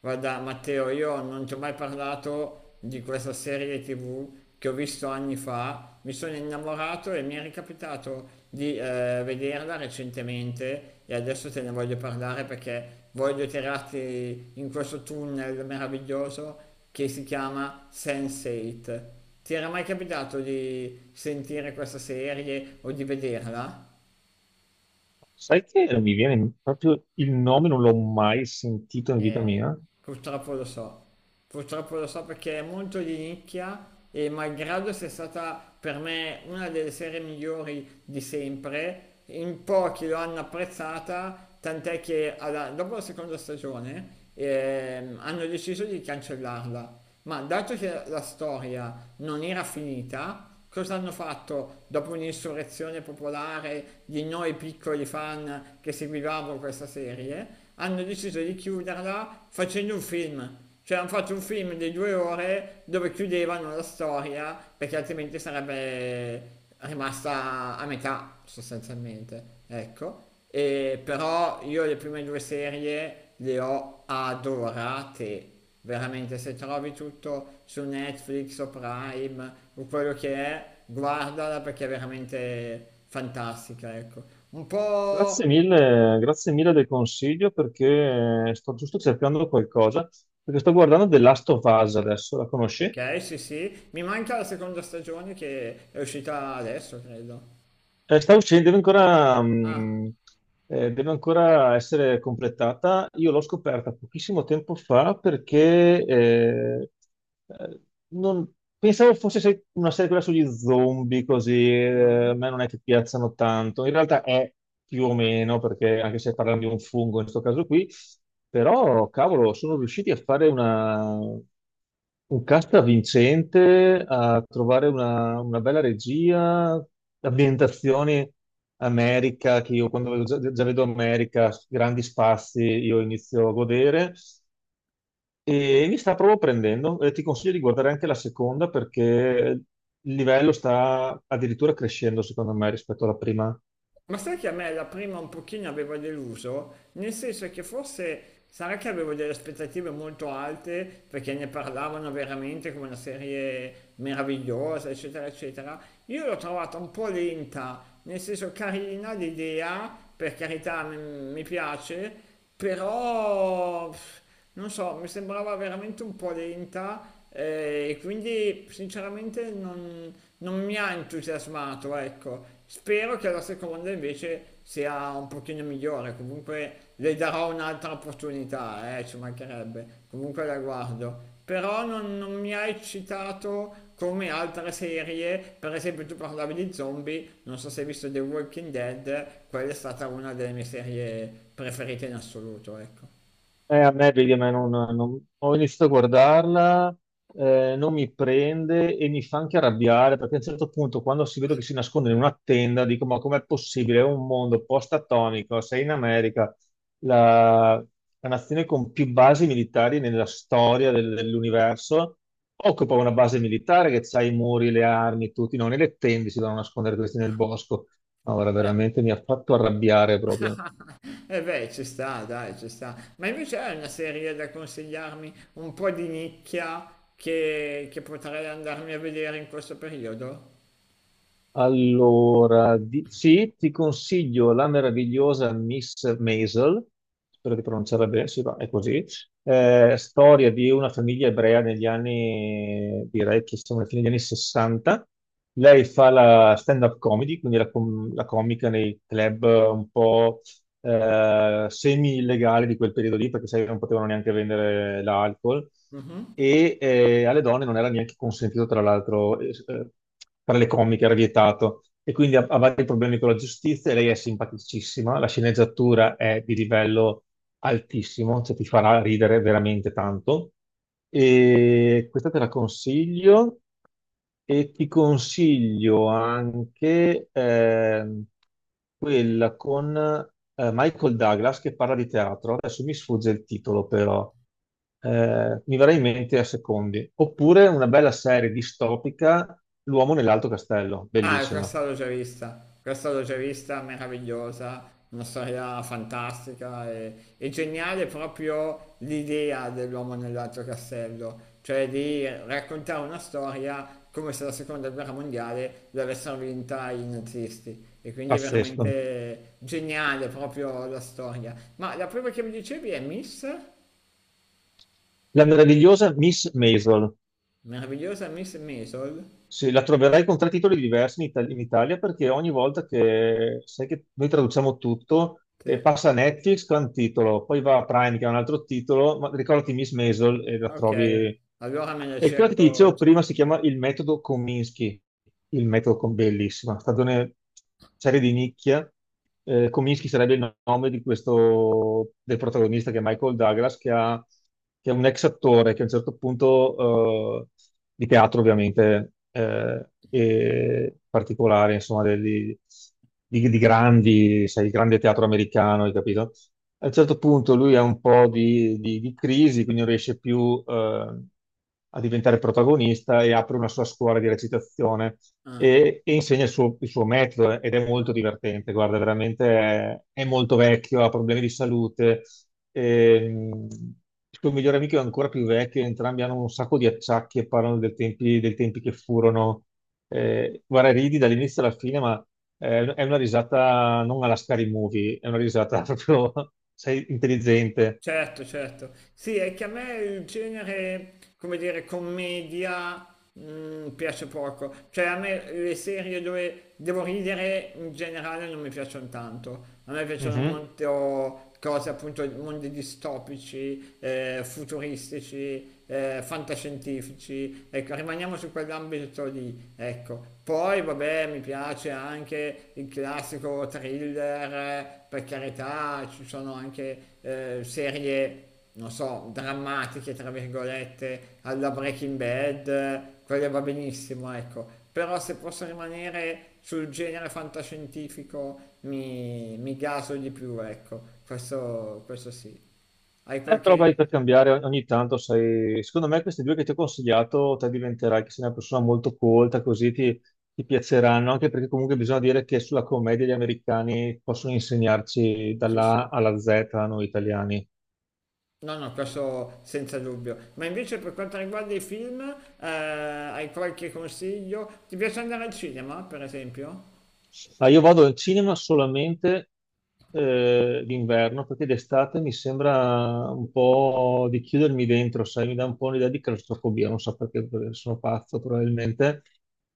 Guarda, Matteo, io non ti ho mai parlato di questa serie TV che ho visto anni fa, mi sono innamorato e mi è ricapitato di vederla recentemente e adesso te ne voglio parlare perché voglio tirarti in questo tunnel meraviglioso che si chiama Sense8. Ti era mai capitato di sentire questa serie o di vederla? Sai che mi viene proprio il nome, non l'ho mai sentito in vita Eh, mia. Purtroppo lo so, purtroppo lo so perché è molto di nicchia e malgrado sia stata per me una delle serie migliori di sempre, in pochi lo hanno apprezzata, tant'è che dopo la seconda stagione hanno deciso di cancellarla. Ma dato che la storia non era finita, cosa hanno fatto dopo un'insurrezione popolare di noi piccoli fan che seguivamo questa serie? Hanno deciso di chiuderla facendo un film. Cioè hanno fatto un film di due ore dove chiudevano la storia perché altrimenti sarebbe rimasta a metà sostanzialmente. Ecco. E però io le prime due serie le ho adorate. Veramente, se trovi tutto su Netflix o Prime o quello che è, guardala perché è veramente fantastica, ecco. Un po'... Grazie mille del consiglio perché sto giusto cercando qualcosa, perché sto guardando The Last of Us adesso, la conosci? Ok, sì, sì. Mi manca la seconda stagione che è uscita adesso, credo. Sta uscendo, deve ancora, Ah. Deve ancora essere completata. Io l'ho scoperta pochissimo tempo fa perché eh, non- pensavo fosse una serie quella sugli zombie, così a Mm. me non è che piacciono tanto. In realtà è più o meno, perché anche se parliamo di un fungo in questo caso qui, però cavolo, sono riusciti a fare una. Un cast vincente a trovare una bella regia, ambientazioni America, che io già, già vedo America, grandi spazi, io inizio a godere e mi sta proprio prendendo. Ti consiglio di guardare anche la seconda perché il livello sta addirittura crescendo, secondo me, rispetto alla prima. Ma sai che a me la prima un pochino aveva deluso? Nel senso che forse sarà che avevo delle aspettative molto alte perché ne parlavano veramente come una serie meravigliosa, eccetera, eccetera. Io l'ho trovata un po' lenta, nel senso carina l'idea, per carità, mi piace, però pff, non so, mi sembrava veramente un po' lenta e quindi sinceramente non mi ha entusiasmato, ecco. Spero che la seconda invece sia un pochino migliore, comunque le darò un'altra opportunità, ci mancherebbe, comunque la guardo. Però non mi ha eccitato come altre serie, per esempio tu parlavi di zombie, non so se hai visto The Walking Dead, quella è stata una delle mie serie preferite in assoluto, ecco. A me, vedi, a me ho iniziato a guardarla, non mi prende e mi fa anche arrabbiare perché a un certo punto, quando si vedo che si nasconde in una tenda, dico: Ma com'è possibile? È un mondo post-atomico, sei in America, la, la nazione con più basi militari nella storia dell'universo. Occupa una base militare che c'ha i muri, le armi, tutti, non nelle tende si vanno a nascondere questi nel bosco. Ora veramente mi ha fatto arrabbiare proprio. Eh beh, ci sta, dai, ci sta. Ma invece hai una serie da consigliarmi un po' di nicchia che potrei andarmi a vedere in questo periodo? Allora, sì, ti consiglio la meravigliosa Miss Maisel, spero di pronunciarla bene, sì, va, è così. Storia di una famiglia ebrea negli anni, direi che siamo alla fine degli anni 60. Lei fa la stand-up comedy, quindi la comica nei club un po' semi-illegali di quel periodo lì, perché sai, che non potevano neanche vendere l'alcol Mhm. e alle donne non era neanche consentito, tra l'altro, fare le comiche, era vietato. E quindi ha vari problemi con la giustizia, e lei è simpaticissima, la sceneggiatura è di livello altissimo, cioè ti farà ridere veramente tanto. E questa te la consiglio. E ti consiglio anche quella con Michael Douglas che parla di teatro. Adesso mi sfugge il titolo, però mi verrà in mente a secondi. Oppure una bella serie distopica, L'uomo nell'alto castello, Ah, bellissima, questa l'ho già vista, questa l'ho già vista, meravigliosa, una storia fantastica e geniale proprio l'idea dell'uomo nell'altro castello, cioè di raccontare una storia come se la seconda guerra mondiale l'avessero vinta i nazisti. E quindi è pazzesco. veramente geniale proprio la storia. Ma la prima che mi dicevi è Miss? La meravigliosa Miss Maisel. Meravigliosa Miss Maisel? Sì, la troverai con 3 titoli diversi in, in Italia perché ogni volta che sai che noi traduciamo tutto, Sì. passa a Netflix che ha un titolo, poi va a Prime che ha un altro titolo, ma ricordati Miss Maisel e la Ok, trovi. allora me la E quella che ti cerco. dicevo prima si chiama Il metodo Kominsky, il metodo con bellissima, stagione serie di nicchia. Kominsky sarebbe il nome di questo, del protagonista che è Michael Douglas, che è un ex attore che a un certo punto, di teatro ovviamente, e particolare, insomma, di grandi, sai, il grande teatro americano, hai capito? A un certo punto lui ha un po' di crisi, quindi non riesce più a diventare protagonista e apre una sua scuola di recitazione Ah. E insegna il suo metodo ed è molto divertente. Guarda, veramente è molto vecchio, ha problemi di salute. ehm, il suo migliore amico è ancora più vecchio, entrambi hanno un sacco di acciacchi e parlano dei tempi che furono. Guarda, ridi dall'inizio alla fine, ma è una risata non alla Scary Movie, è una risata proprio, sei intelligente. Certo, certo. Sì, è che a me il genere, come dire, commedia piace poco. Cioè a me le serie dove devo ridere in generale non mi piacciono tanto. A me piacciono Mhm. molto cose appunto mondi distopici, futuristici, fantascientifici. Ecco, rimaniamo su quell'ambito lì, ecco. Poi vabbè, mi piace anche il classico thriller, per carità, ci sono anche serie, non so, drammatiche, tra virgolette, alla Breaking Bad, quelle va benissimo, ecco. Però se posso rimanere sul genere fantascientifico mi gaso di più, ecco. Questo sì. Hai Però vai qualche... per cambiare ogni tanto, sai, secondo me questi due che ti ho consigliato, te diventerai che sei una persona molto colta, così ti piaceranno, anche perché comunque bisogna dire che sulla commedia gli americani possono insegnarci Sì, dalla sì. A alla Z a noi italiani. No, no, questo senza dubbio. Ma invece per quanto riguarda i film, hai qualche consiglio? Ti piace andare al cinema, per esempio? Ma io vado al cinema solamente d'inverno perché d'estate mi sembra un po' di chiudermi dentro, sai, mi dà un po' un'idea di claustrofobia, non so perché, perché sono pazzo probabilmente.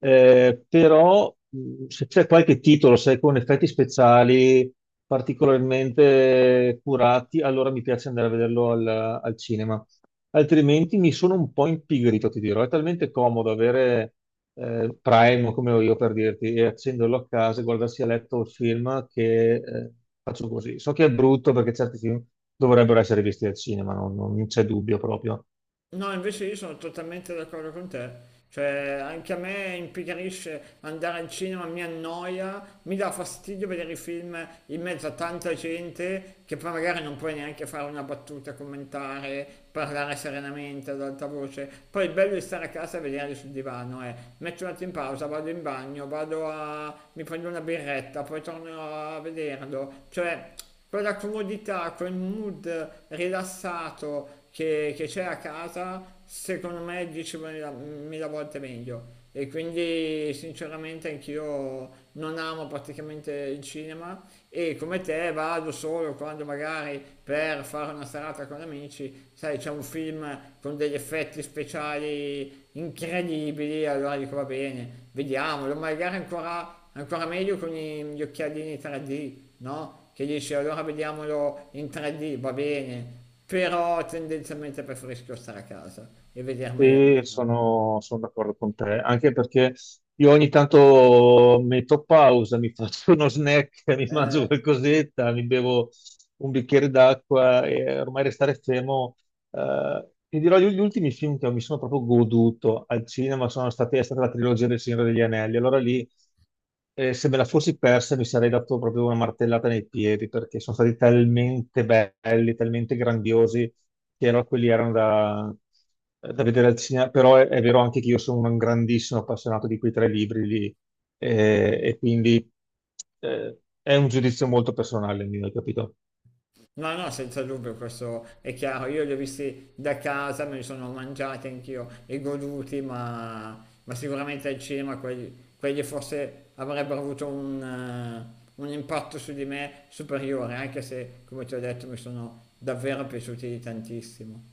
Però se c'è qualche titolo, sai, con effetti speciali particolarmente curati, allora mi piace andare a vederlo al cinema altrimenti mi sono un po' impigrito, ti dirò. È talmente comodo avere Prime, come ho io per dirti, e accenderlo a casa e guardarsi a letto il film che faccio così. So che è brutto perché certi film dovrebbero essere visti al cinema, non c'è dubbio proprio. No, invece io sono totalmente d'accordo con te. Cioè, anche a me impigrisce andare al cinema, mi annoia, mi dà fastidio vedere i film in mezzo a tanta gente che poi magari non puoi neanche fare una battuta, commentare, parlare serenamente ad alta voce. Poi il bello di stare a casa e vederli sul divano è metto un attimo in pausa, vado in bagno, vado a... mi prendo una birretta, poi torno a vederlo. Cioè quella comodità, quel mood rilassato che c'è a casa, secondo me è 10.000 volte meglio. E quindi sinceramente anch'io non amo praticamente il cinema e come te vado solo quando magari per fare una serata con amici, sai, c'è un film con degli effetti speciali incredibili, allora dico va bene, vediamolo, magari ancora, ancora meglio con gli occhialini 3D, no? Che dici allora vediamolo in 3D, va bene, però tendenzialmente preferisco stare a casa e Sì, vedermeli. Sono d'accordo con te, anche perché io ogni tanto metto pausa, mi faccio uno snack, mi mangio Eh, qualcosetta, mi bevo un bicchiere d'acqua e ormai restare fermo. Ti dirò, gli ultimi film che mi sono proprio goduto al cinema è stata la trilogia del Signore degli Anelli. Allora lì, se me la fossi persa, mi sarei dato proprio una martellata nei piedi, perché sono stati talmente belli, talmente grandiosi che erano quelli erano da vedere al cinema, però è vero anche che io sono un grandissimo appassionato di quei tre libri lì, e quindi è un giudizio molto personale il mio, hai capito? no, no, senza dubbio, questo è chiaro. Io li ho visti da casa, me li sono mangiati anch'io e goduti, ma sicuramente al cinema quelli, quelli forse avrebbero avuto un impatto su di me superiore, anche se, come ti ho detto, mi sono davvero piaciuti tantissimo.